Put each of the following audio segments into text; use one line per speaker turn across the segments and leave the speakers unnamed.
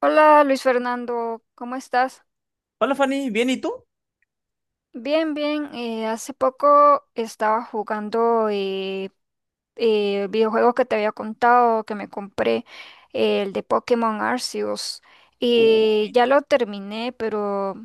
Hola Luis Fernando, ¿cómo estás?
Hola Fanny, ¿bien y tú?
Bien, bien. Hace poco estaba jugando videojuegos que te había contado, que me compré, el de Pokémon Arceus.
Uh,
Y ya lo terminé, pero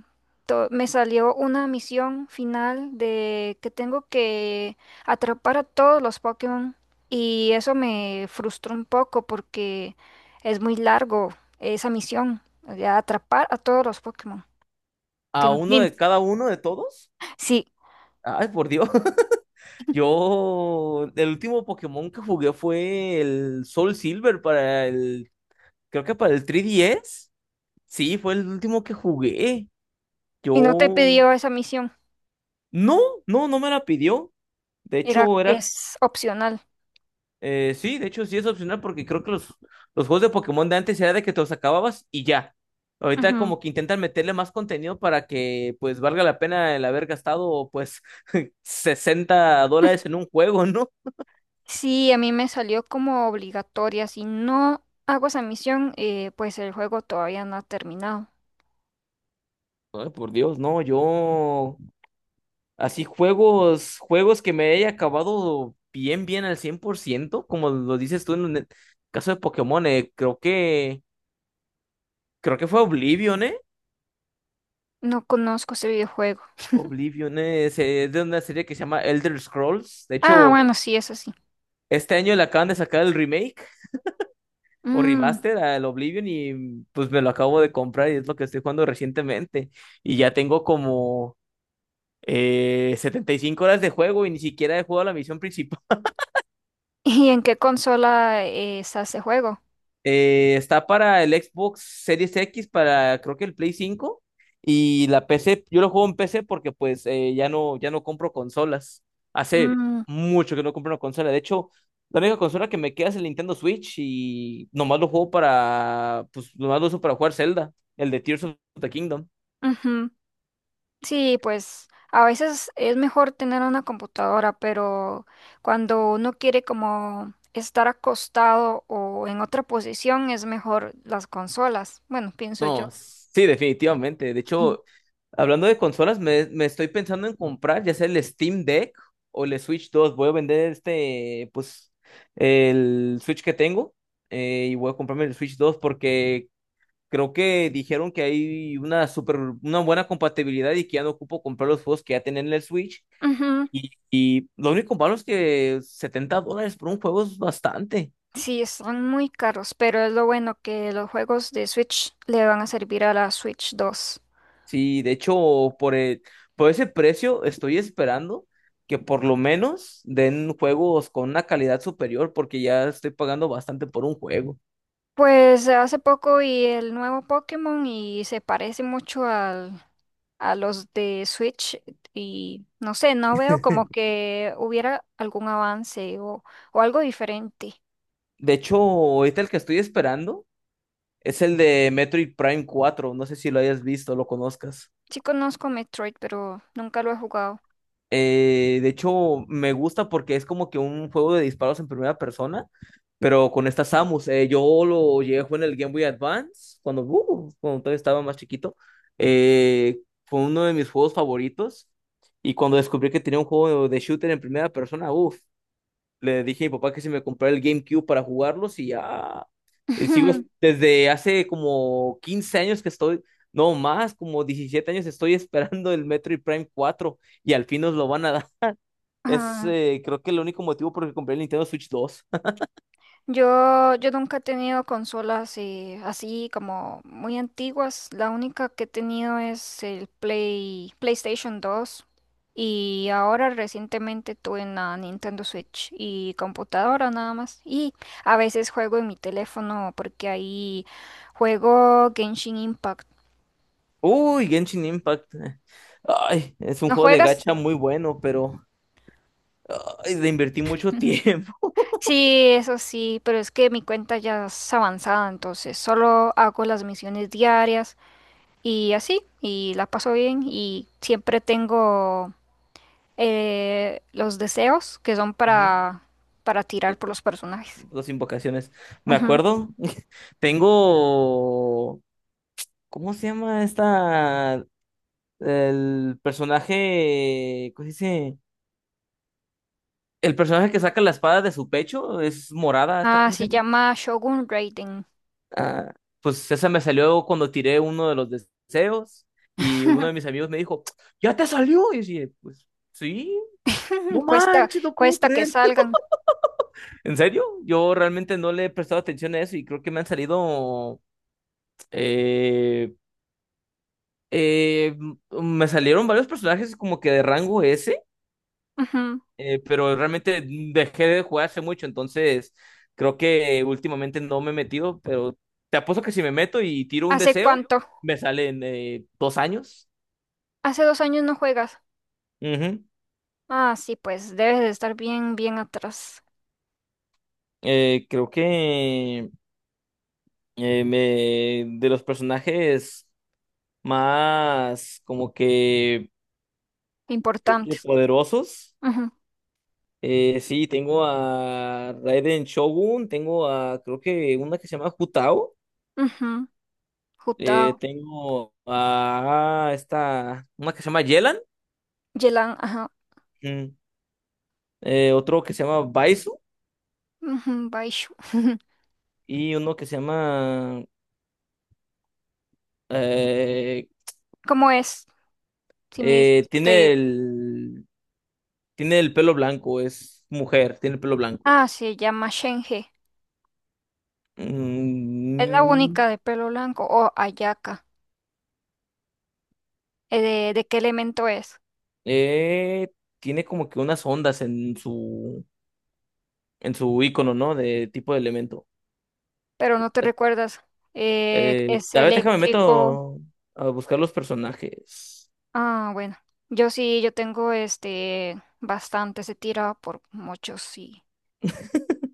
me salió una misión final de que tengo que atrapar a todos los Pokémon. Y eso me frustró un poco porque es muy largo esa misión, de atrapar a todos los Pokémon. Te
¿A uno
imagino.
de cada uno de todos?
Sí,
Ay, por Dios. Yo, el último Pokémon que jugué fue el Soul Silver para el, creo que para el 3DS. Sí, fue el último que jugué.
y no te
Yo,
pidió esa misión,
no, no, no me la pidió. De
era,
hecho, era...
es opcional.
Sí, de hecho sí es opcional porque creo que los juegos de Pokémon de antes era de que te los acababas y ya. Ahorita
Ujú.
como que intentan meterle más contenido para que pues valga la pena el haber gastado pues $60 en un juego, ¿no?
Sí, a mí me salió como obligatoria. Si no hago esa misión, pues el juego todavía no ha terminado.
Ay, por Dios, no, yo así juegos, juegos que me haya acabado bien, bien al 100% como lo dices tú en el caso de Pokémon, creo creo que fue Oblivion, ¿eh?
No conozco ese videojuego.
Oblivion es, de una serie que se llama Elder Scrolls. De
Ah,
hecho,
bueno, sí, eso sí.
este año le acaban de sacar el remake o
Mm,
remaster al Oblivion y pues me lo acabo de comprar y es lo que estoy jugando recientemente. Y ya tengo como 75 horas de juego y ni siquiera he jugado la misión principal.
¿Y en qué consola está ese juego?
Está para el Xbox Series X, para creo que el Play 5 y la PC. Yo lo juego en PC porque pues ya no compro consolas. Hace
Mm.
mucho que no compro una consola. De hecho, la única consola que me queda es el Nintendo Switch y nomás lo juego para, pues nomás lo uso para jugar Zelda, el de Tears of the Kingdom.
Ujú. Sí, pues a veces es mejor tener una computadora, pero cuando uno quiere como estar acostado o en otra posición es mejor las consolas. Bueno, pienso yo.
No, sí, definitivamente. De
Mm.
hecho, hablando de consolas, me estoy pensando en comprar ya sea el Steam Deck o el Switch dos. Voy a vender este, pues, el Switch que tengo y voy a comprarme el Switch dos porque creo que dijeron que hay una una buena compatibilidad y que ya no ocupo comprar los juegos que ya tienen en el Switch.
Ujú.
Y lo único malo es que $70 por un juego es bastante.
Sí, están muy caros, pero es lo bueno que los juegos de Switch le van a servir a la Switch 2.
Sí, de hecho, por ese precio estoy esperando que por lo menos den juegos con una calidad superior porque ya estoy pagando bastante por un juego.
Pues hace poco vi el nuevo Pokémon y se parece mucho al a los de Switch y no sé, no veo como que hubiera algún avance o algo diferente.
De hecho, ahorita el que estoy esperando es el de Metroid Prime 4. No sé si lo hayas visto, lo conozcas.
Sí conozco Metroid, pero nunca lo he jugado.
De hecho, me gusta porque es como que un juego de disparos en primera persona, pero con esta Samus. Yo lo llegué a jugar en el Game Boy Advance cuando, cuando todavía estaba más chiquito. Eh, fue uno de mis juegos favoritos. Y cuando descubrí que tenía un juego de shooter en primera persona, uff, le dije a mi papá que si me comprara el GameCube para jugarlos y ya. Y sigo desde hace como 15 años que estoy, no más, como 17 años estoy esperando el Metroid Prime cuatro y al fin nos lo van a dar. Es
Ah,
creo que el único motivo por el que compré el Nintendo Switch dos.
yo nunca he tenido consolas así como muy antiguas. La única que he tenido es el PlayStation 2. Y ahora recientemente tuve una Nintendo Switch y computadora nada más. Y a veces juego en mi teléfono porque ahí juego Genshin Impact.
Uy, Genshin Impact. Ay, es un
¿No
juego de
juegas?
gacha muy bueno, pero ay, le invertí mucho tiempo.
Sí, eso sí, pero es que mi cuenta ya es avanzada, entonces solo hago las misiones diarias. Y así, y la paso bien y siempre tengo los deseos que son
Ujú.
para tirar por los personajes.
Dos invocaciones. Me
Ujú.
acuerdo, tengo... ¿Cómo se llama esta? El personaje, ¿cómo se dice? El personaje que saca la espada de su pecho es morada, ¿esta
Ah,
cómo se
se
llama?
llama Shogun Raiden.
Ah, pues esa me salió cuando tiré uno de los deseos y uno de mis amigos me dijo, ¿ya te salió? Y yo dije, pues sí, no
Cuesta,
manches, no puedo
cuesta que
creer.
salgan.
¿En serio? Yo realmente no le he prestado atención a eso y creo que me han salido... eh, me salieron varios personajes como que de rango S.
Ujú.
Pero realmente dejé de jugar hace mucho, entonces creo que últimamente no me he metido, pero te apuesto que si me meto y tiro un
¿Hace
deseo,
cuánto?
me salen dos años.
Hace 2 años no juegas.
Ujú.
Ah, sí, pues debes de estar bien, bien atrás.
Creo que de los personajes más como que, creo que
Importantes.
poderosos,
Ujú,
sí, tengo a Raiden Shogun, tengo a creo que una que se llama Jutao.
ujú. Jutao,
Tengo a esta, una que se llama Yelan.
Yelan, ajá.
mm, otro que se llama Baisu
Ujú, Baishu.
y uno que se llama eh,
¿Cómo es? Si me dices, no te
tiene
digo.
el pelo blanco, es mujer, tiene el pelo blanco.
Ah, se llama Shenge. Es la
Mm,
única de pelo blanco o ayaca. De qué elemento es?
eh, tiene como que unas ondas en su icono, ¿no? De tipo de elemento.
Pero no te recuerdas. eh, es
A ver, déjame
eléctrico.
meto a buscar los personajes.
Ah, bueno. Yo sí, yo tengo este bastante, se tira por muchos, sí.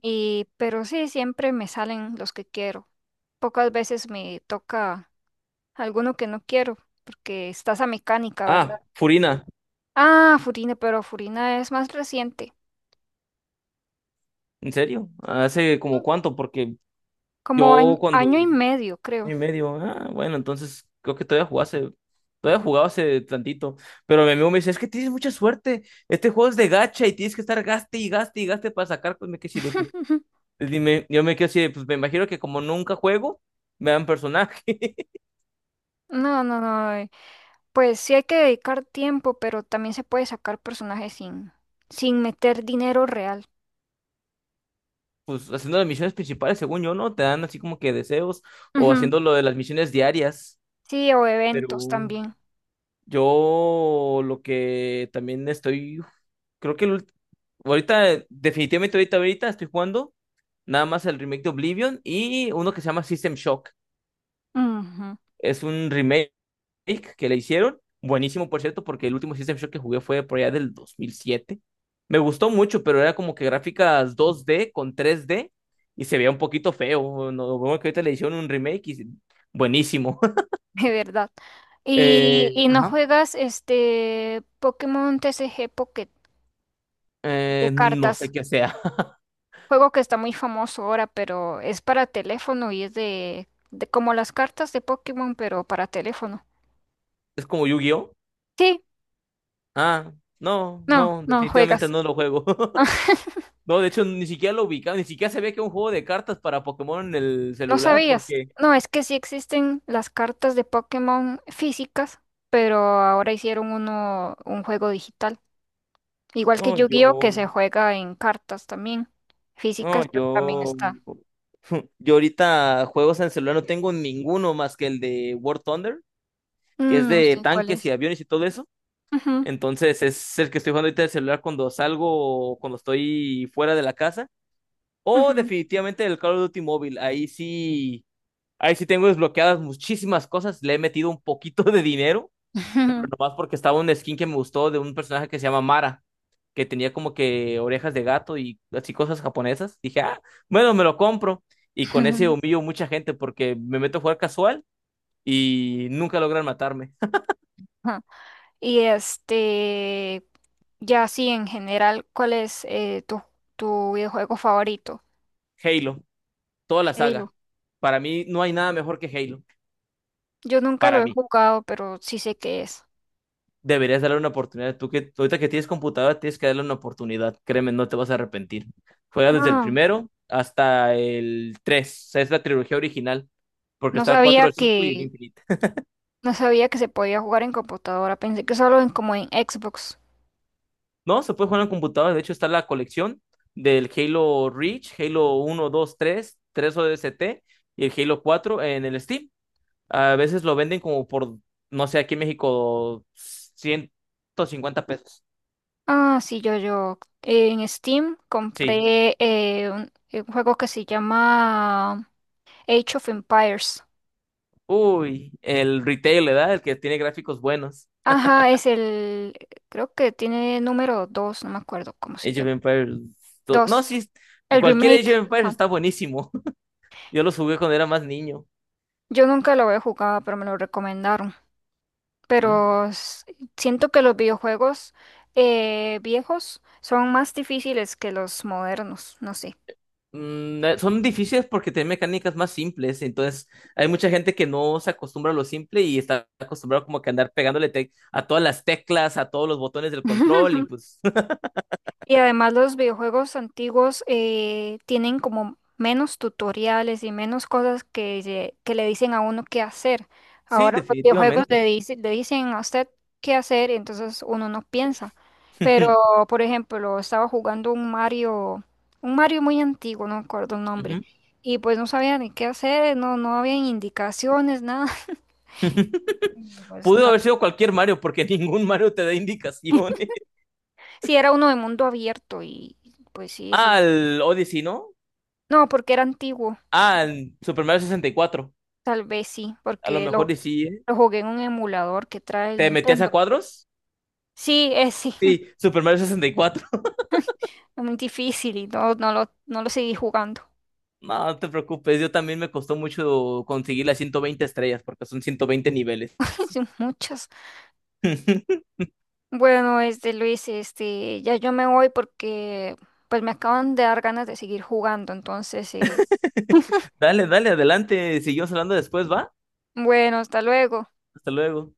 Pero sí, siempre me salen los que quiero. Pocas veces me toca alguno que no quiero, porque está esa mecánica,
Ah,
¿verdad?
Furina.
Ah, Furina, pero Furina es más reciente.
¿En serio? ¿Hace como cuánto? Porque
Como año,
yo cuando...
año y medio, creo.
año y medio, ah, bueno, entonces creo que todavía jugaba hace tantito. Pero mi amigo me dice, es que tienes mucha suerte. Este juego es de gacha y tienes que estar gaste y gaste y gaste para sacar, pues me quedé así de, pues, dime, yo me quedé así de, pues me imagino que como nunca juego, me dan personaje.
No, no, no. Pues sí hay que dedicar tiempo, pero también se puede sacar personajes sin meter dinero real.
Pues haciendo las misiones principales, según yo, ¿no? Te dan así como que deseos, o
Ujú.
haciendo lo de las misiones diarias.
Sí, o
Pero
eventos también.
yo lo que también estoy, creo que el... ahorita, definitivamente ahorita estoy jugando nada más el remake de Oblivion y uno que se llama System Shock.
Ujú.
Es un remake que le hicieron. Buenísimo, por cierto, porque el último System Shock que jugué fue por allá del 2007. Me gustó mucho, pero era como que gráficas dos d con tres d y se veía un poquito feo. No, bueno, que ahorita le hicieron un remake y buenísimo.
De verdad. ¿Y, y no
Ajá.
juegas este Pokémon TCG Pocket de
No sé
cartas?
qué sea.
Juego que está muy famoso ahora, pero es para teléfono y es de como las cartas de Pokémon, pero para teléfono.
Es como Yu-Gi-Oh.
Sí,
Ah, no,
no,
no,
no
definitivamente
juegas.
no lo juego. No, de hecho, ni siquiera lo ubicaba, ni siquiera sabía que era un juego de cartas para Pokémon en el
¿No
celular,
sabías?
porque
No, es que sí existen las cartas de Pokémon físicas, pero ahora hicieron un juego digital. Igual que
no,
Yu-Gi-Oh,
yo,
que se juega en cartas también,
no,
físicas, pero también
yo,
está.
yo ahorita juegos en celular no tengo ninguno más que el de War Thunder, que es
No
de
sé cuál
tanques y
es.
aviones y todo eso.
Ujú,
Entonces es el que estoy jugando ahorita en el celular cuando salgo, o cuando estoy fuera de la casa. O
ujú.
definitivamente el Call of Duty móvil, ahí sí tengo desbloqueadas muchísimas cosas, le he metido un poquito de dinero pero nomás porque estaba un skin que me gustó de un personaje que se llama Mara, que tenía como que orejas de gato y así cosas japonesas. Dije, ah, bueno, me lo compro. Y con ese
Ujú.
humillo mucha gente porque me meto a jugar casual y nunca logran matarme.
Ajá. Y ya así en general, ¿cuál es tu videojuego favorito?
Halo, toda la saga.
Halo.
Para mí no hay nada mejor que Halo.
Yo nunca lo
Para
he
mí,
jugado, pero sí sé qué es.
deberías darle una oportunidad. Tú que ahorita que tienes computadora, tienes que darle una oportunidad. Créeme, no te vas a arrepentir. Juega desde el
Ah,
primero hasta el tres. O sea, es la trilogía original. Porque
no
está el cuatro,
sabía
el cinco y el
que,
Infinite.
no sabía que se podía jugar en computadora, pensé que solo en como en Xbox.
No, se puede jugar en la computadora. De hecho, está la colección del Halo Reach, Halo uno, dos, tres, tres o d s t y el Halo 4 en el Steam. A veces lo venden como por, no sé, aquí en México, 150 pesos.
Ah, sí, yo, en Steam
Sí.
compré un juego que se llama Age of Empires.
Uy, el retail, ¿verdad? El que tiene gráficos buenos.
Ajá, creo que tiene número 2, no me acuerdo cómo se
Age of
llama.
Empires 2. No,
2,
sí,
el
cualquier
remake.
Age of Empires
Ajá.
está buenísimo. Yo lo jugué cuando era más niño.
Yo nunca lo había jugado, pero me lo recomendaron.
¿Mm?
Pero siento que los videojuegos viejos son más difíciles que los modernos, no sé.
Son difíciles porque tienen mecánicas más simples, entonces hay mucha gente que no se acostumbra a lo simple y está acostumbrado como que a andar pegándole a todas las teclas, a todos los botones del control y pues
Y además los videojuegos antiguos tienen como menos tutoriales y menos cosas que le dicen a uno qué hacer.
sí,
Ahora los videojuegos
definitivamente.
le dicen a usted qué hacer y entonces uno no piensa. Pero, por ejemplo, estaba jugando un Mario, muy antiguo, no me acuerdo el nombre,
Ujú.
y pues no sabía ni qué hacer, no, no había indicaciones, nada. Pues
Pudo
no,
haber sido cualquier Mario porque ningún Mario te da indicaciones.
sí era uno de mundo abierto y pues sí, sí.
Al Odyssey, ¿no?
No, porque era antiguo.
Al Super Mario 64,
Tal vez sí,
a lo
porque
mejor
lo,
y sí, ¿eh?
lo jugué en un emulador que trae el
¿Te metías a
Nintendo.
cuadros?
Sí, es sí,
Sí, Super Mario 64.
es muy difícil y no, no lo seguí jugando.
No, no te preocupes, yo también me costó mucho conseguir las 120 estrellas porque son 120 niveles.
Son muchos. Bueno, este Luis, ya yo me voy porque pues me acaban de dar ganas de seguir jugando. Entonces,
Dale, dale, adelante. Seguimos hablando después, ¿va?
bueno, hasta luego.
Hasta luego.